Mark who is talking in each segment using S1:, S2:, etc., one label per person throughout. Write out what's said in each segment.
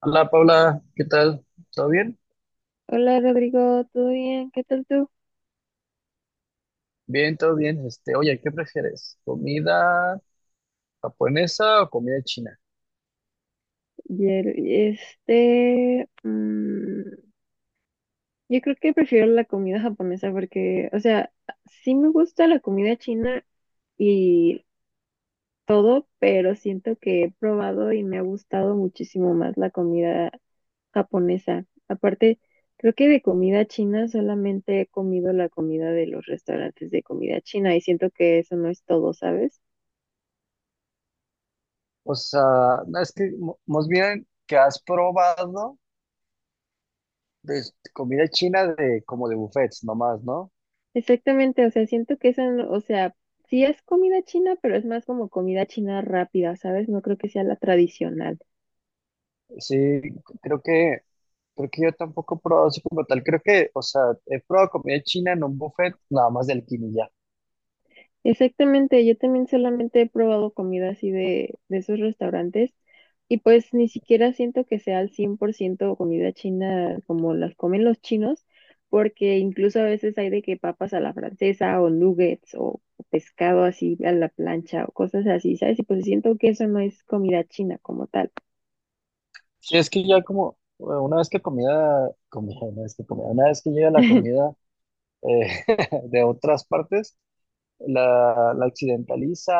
S1: Hola Paula, ¿qué tal? ¿Todo bien?
S2: Hola Rodrigo, ¿todo bien? ¿Qué tal tú?
S1: Bien, todo bien. Oye, ¿qué prefieres? ¿Comida japonesa o comida china?
S2: Ayer, yo creo que prefiero la comida japonesa porque, o sea, sí me gusta la comida china y todo, pero siento que he probado y me ha gustado muchísimo más la comida japonesa. Aparte, creo que de comida china solamente he comido la comida de los restaurantes de comida china y siento que eso no es todo, ¿sabes?
S1: O sea, no, es que más bien que has probado de comida china de como de buffets nomás, ¿no?
S2: Exactamente, o sea, siento que eso, o sea, sí es comida china, pero es más como comida china rápida, ¿sabes? No creo que sea la tradicional.
S1: Sí, creo que creo que yo tampoco he probado así como tal. Creo que, o sea, he probado comida china en un buffet nada más del quinilla.
S2: Exactamente, yo también solamente he probado comida así de esos restaurantes y pues ni siquiera siento que sea al 100% comida china como las comen los chinos, porque incluso a veces hay de que papas a la francesa o nuggets o pescado así a la plancha o cosas así, ¿sabes? Y pues siento que eso no es comida china como tal.
S1: Sí, es que ya como bueno, una vez que comida, comida, una vez que comida, una vez que llega la comida eh, de otras partes la occidentaliza,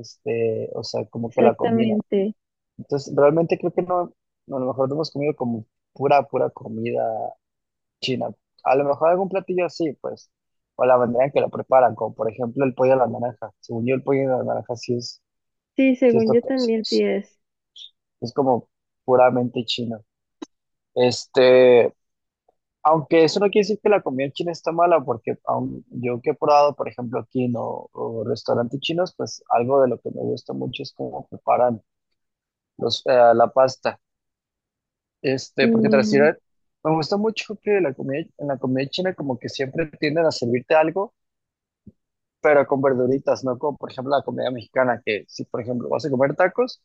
S1: o sea, como que la combina.
S2: Exactamente.
S1: Entonces, realmente creo que no, a lo mejor no hemos comido como pura comida china. A lo mejor algún platillo así, pues, o la manera en que lo preparan, como por ejemplo el pollo a la naranja. Según yo, el pollo a la naranja
S2: Sí,
S1: sí es,
S2: según
S1: to-
S2: yo
S1: sí
S2: también sí es.
S1: es como puramente chino. Este, Aunque eso no quiere decir que la comida china está mala, porque aun yo que he probado, por ejemplo, aquí no, o restaurantes chinos, pues algo de lo que me gusta mucho es cómo preparan la pasta. Este, porque tras ir
S2: Y
S1: a- Me gusta mucho que en la comida china como que siempre tienden a servirte algo, pero con verduritas, no como por ejemplo la comida mexicana, que si por ejemplo vas a comer tacos,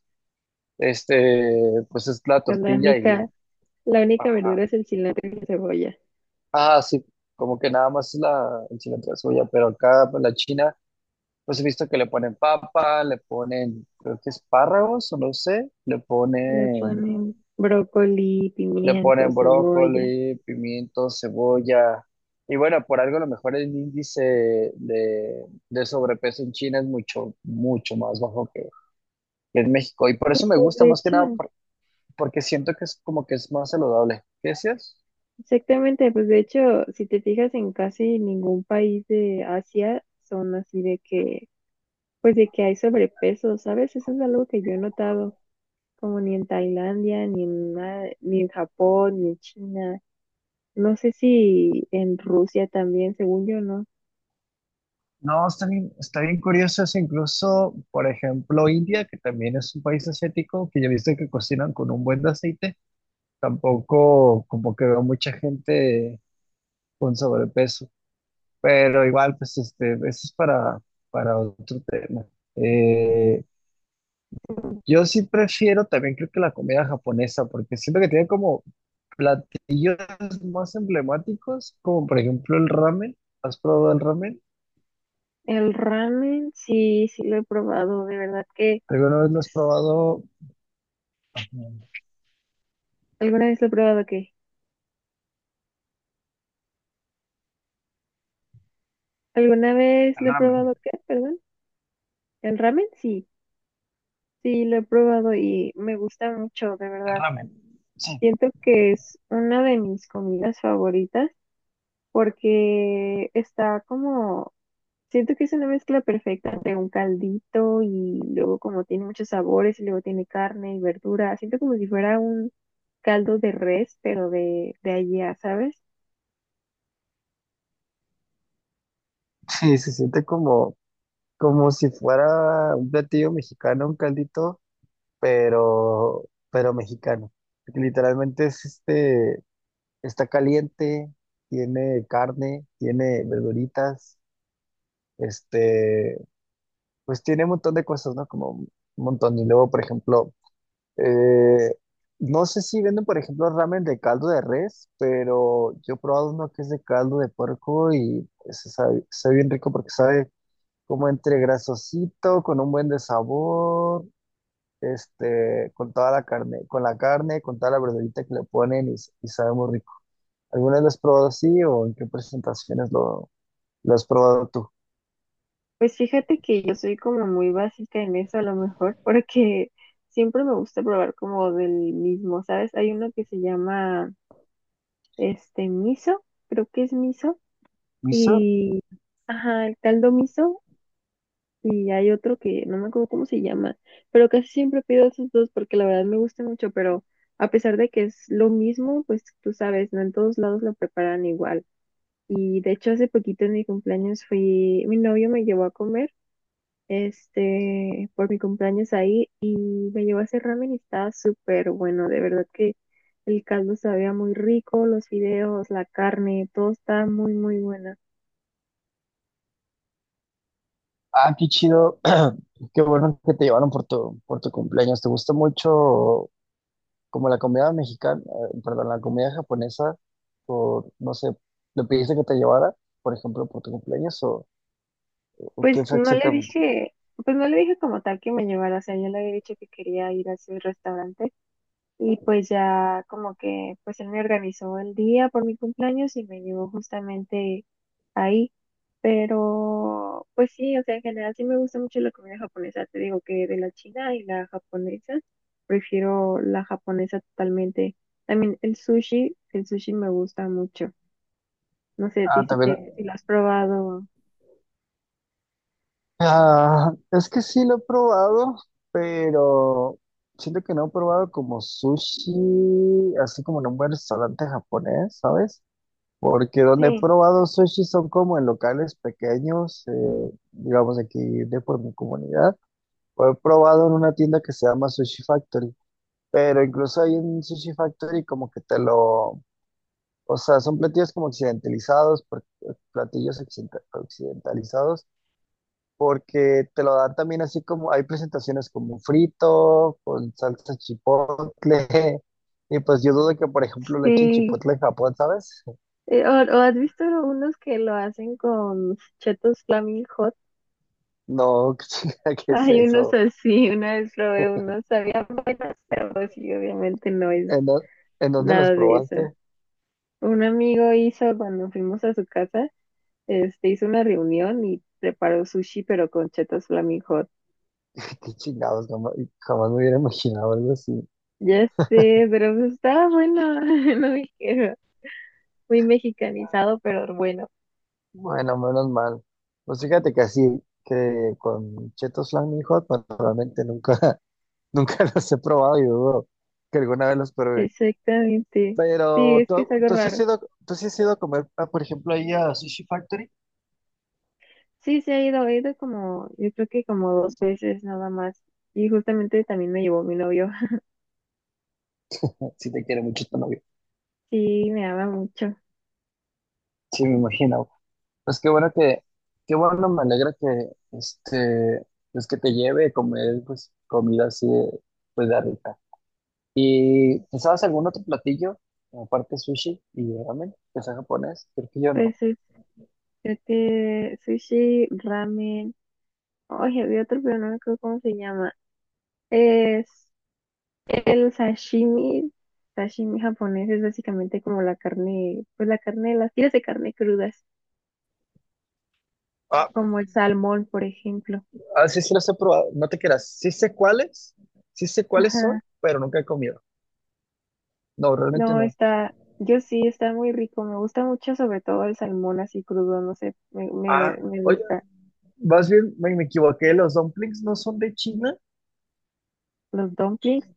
S1: pues es la
S2: pues,
S1: tortilla y,
S2: la única verdura
S1: ajá,
S2: es el cilantro y la cebolla.
S1: ah, sí, como que nada más es el cilantro y la cebolla, pero acá pues, la china. Pues he visto que le ponen papa, le ponen, creo que espárragos, o no sé,
S2: Le ponen brócoli,
S1: le
S2: pimiento,
S1: ponen
S2: cebolla.
S1: brócoli, pimiento, cebolla. Y bueno, por algo a lo mejor el índice de, de sobrepeso en China es mucho más bajo que en México. Y por
S2: Y
S1: eso me
S2: pues
S1: gusta
S2: de
S1: más que nada,
S2: hecho,
S1: porque siento que es como que es más saludable. ¿Qué decías?
S2: exactamente, pues de hecho, si te fijas en casi ningún país de Asia, son así de que, pues de que hay sobrepeso, ¿sabes? Eso es algo que yo he notado, como ni en Tailandia, ni en Japón, ni en China. No sé si en Rusia también, según yo, ¿no?
S1: No, está bien curioso eso, incluso, por ejemplo, India, que también es un país asiático, que yo he visto que cocinan con un buen de aceite, tampoco como que veo mucha gente con sobrepeso, pero igual pues eso es para otro tema. Eh, yo sí prefiero también creo que la comida japonesa, porque siento que tiene como platillos más emblemáticos, como por ejemplo el ramen. ¿Has probado el ramen?
S2: El ramen, sí, sí lo he probado, de verdad que
S1: ¿Alguna vez lo has
S2: es-
S1: probado? Ajá.
S2: ¿Alguna vez lo he probado qué? ¿Alguna vez
S1: El
S2: lo he
S1: ramen,
S2: probado qué? Perdón. ¿El ramen? Sí, sí lo he probado y me gusta mucho, de
S1: el
S2: verdad.
S1: ramen. Sí.
S2: Siento que es una de mis comidas favoritas porque está como, siento que es una mezcla perfecta entre un caldito y luego como tiene muchos sabores y luego tiene carne y verdura. Siento como si fuera un caldo de res, pero de allá, ¿sabes?
S1: Sí, se siente como, como si fuera un platillo mexicano, un caldito pero mexicano. Porque literalmente es está caliente, tiene carne, tiene verduritas, este, pues tiene un montón de cosas, ¿no? Como un montón. Y luego, por ejemplo, eh, no sé si venden, por ejemplo, ramen de caldo de res, pero yo he probado uno que es de caldo de puerco y pues, sabe bien rico porque sabe como entre grasosito, con un buen de sabor, con toda la carne, con toda la verdurita que le ponen y, y sabe muy rico. ¿Alguna vez lo has probado así o en qué presentaciones lo has probado tú?
S2: Pues fíjate que yo soy como muy básica en eso a lo mejor, porque siempre me gusta probar como del mismo, ¿sabes? Hay uno que se llama este miso, creo que es miso,
S1: ¿Miso?
S2: y ajá, el caldo miso, y hay otro que no me acuerdo cómo se llama, pero casi siempre pido esos dos porque la verdad me gusta mucho, pero a pesar de que es lo mismo, pues tú sabes, no en todos lados lo preparan igual. Y de hecho hace poquito en mi cumpleaños fui, mi novio me llevó a comer. Este, por mi cumpleaños ahí y me llevó a ese ramen y estaba súper bueno, de verdad que el caldo sabía muy rico, los fideos, la carne, todo estaba muy, muy buena.
S1: Ah, qué chido. Qué bueno que te llevaron por por tu cumpleaños. ¿Te gusta mucho como la comida japonesa? O no sé, ¿le pediste que te llevara, por ejemplo, por tu cumpleaños o
S2: Pues
S1: qué fue
S2: no le
S1: exactamente?
S2: dije, pues no le dije como tal que me llevara, o sea, yo le había dicho que quería ir a ese restaurante. Y pues ya como que pues él me organizó el día por mi cumpleaños y me llevó justamente ahí. Pero pues sí, o sea, en general sí me gusta mucho la comida japonesa. Te digo que de la china y la japonesa, prefiero la japonesa totalmente. También el sushi me gusta mucho. No sé a ti
S1: Ah,
S2: si
S1: también.
S2: te, si lo has probado.
S1: Ah, es que sí lo he probado, pero siento que no he probado como sushi, así como en un buen restaurante japonés, ¿sabes? Porque
S2: Sí,
S1: donde he probado sushi son como en locales pequeños, digamos aquí de por mi comunidad, o he probado en una tienda que se llama Sushi Factory, pero incluso ahí en Sushi Factory como que o sea, son platillos como occidentalizados, occidentalizados porque te lo dan también así como, hay presentaciones como frito, con salsa chipotle, y pues yo dudo que, por ejemplo, le echen
S2: sí.
S1: chipotle en Japón, ¿sabes?
S2: O has visto unos que lo hacen con chetos flaming.
S1: No, chica, ¿qué es
S2: Hay unos
S1: eso?
S2: así, una vez probé unos, sabían buenas, pero pues sí, obviamente no es
S1: ¿En, dó- en dónde los
S2: nada de eso.
S1: probaste?
S2: Un amigo hizo, cuando fuimos a su casa, este, hizo una reunión y preparó sushi, pero con chetos Flaming Hot.
S1: Qué chingados, jamás me hubiera imaginado algo así.
S2: Ya sé, pero pues estaba bueno, no dijeron, muy mexicanizado, pero bueno.
S1: Bueno, menos mal. Pues fíjate que así, que con chetos flaming hot, pues realmente nunca, nunca los he probado y dudo que alguna vez los pruebe.
S2: Exactamente. Sí,
S1: Pero
S2: es que es algo raro.
S1: tú sí has ido a comer, ah, por ejemplo, ahí a Sushi Factory.
S2: Sí, se ha ido, he ido como, yo creo que como dos veces nada más. Y justamente también me llevó mi novio.
S1: Si te quiere mucho tu novio.
S2: Sí, me ama mucho.
S1: Sí, me imagino. Pues qué bueno qué bueno, me alegra que, pues que te lleve a comer, pues, comida así, de, pues, de rica. ¿Y ¿sabes algún otro platillo, aparte de sushi y ramen, que sea japonés? Creo que yo no.
S2: Pues este, sushi, ramen. Oye, había otro, pero no me acuerdo cómo se llama. Es el sashimi. Sashimi japonés es básicamente como la carne, pues la carne, las tiras de carne crudas,
S1: Ah,
S2: como el salmón, por ejemplo.
S1: ah, sí, sí los he probado. No te creas. Sí sé cuáles son,
S2: Ajá.
S1: pero nunca he comido. No, realmente
S2: No,
S1: no.
S2: está, yo sí, está muy rico. Me gusta mucho, sobre todo el salmón así crudo, no sé,
S1: Ah,
S2: me
S1: oye.
S2: gusta.
S1: Más bien me equivoqué, los dumplings no son de China
S2: Los dumplings.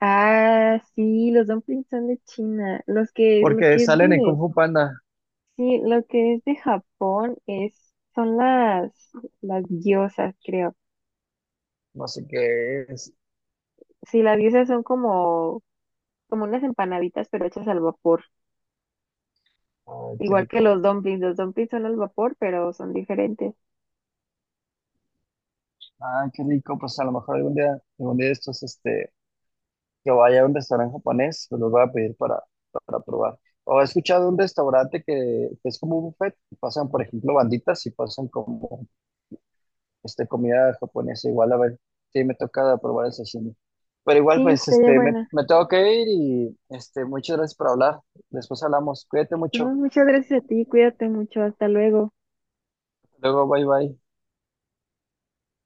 S2: Ah, sí, los dumplings son de China. Los
S1: porque
S2: que
S1: salen en Kung
S2: venden.
S1: Fu Panda.
S2: Sí, lo que es de Japón es, son las gyozas, creo.
S1: No sé qué es.
S2: Sí, las gyozas son como, como unas empanaditas, pero hechas al vapor.
S1: Ay, qué
S2: Igual que
S1: rico.
S2: los dumplings. Los dumplings son al vapor, pero son diferentes.
S1: Ay, qué rico. Pues a lo mejor algún día de estos, que vaya a un restaurante japonés, pues los voy a pedir para probar. O he escuchado de un restaurante que es como un buffet, y pasan, por ejemplo, banditas y pasan como comida japonesa. Igual, a ver, sí me toca probar el sashimi. Pero igual,
S2: Sí,
S1: pues,
S2: estaría buena.
S1: me tengo que ir y, muchas gracias por hablar. Después hablamos. Cuídate
S2: No,
S1: mucho.
S2: muchas gracias a ti, cuídate mucho, hasta luego.
S1: Luego, bye bye.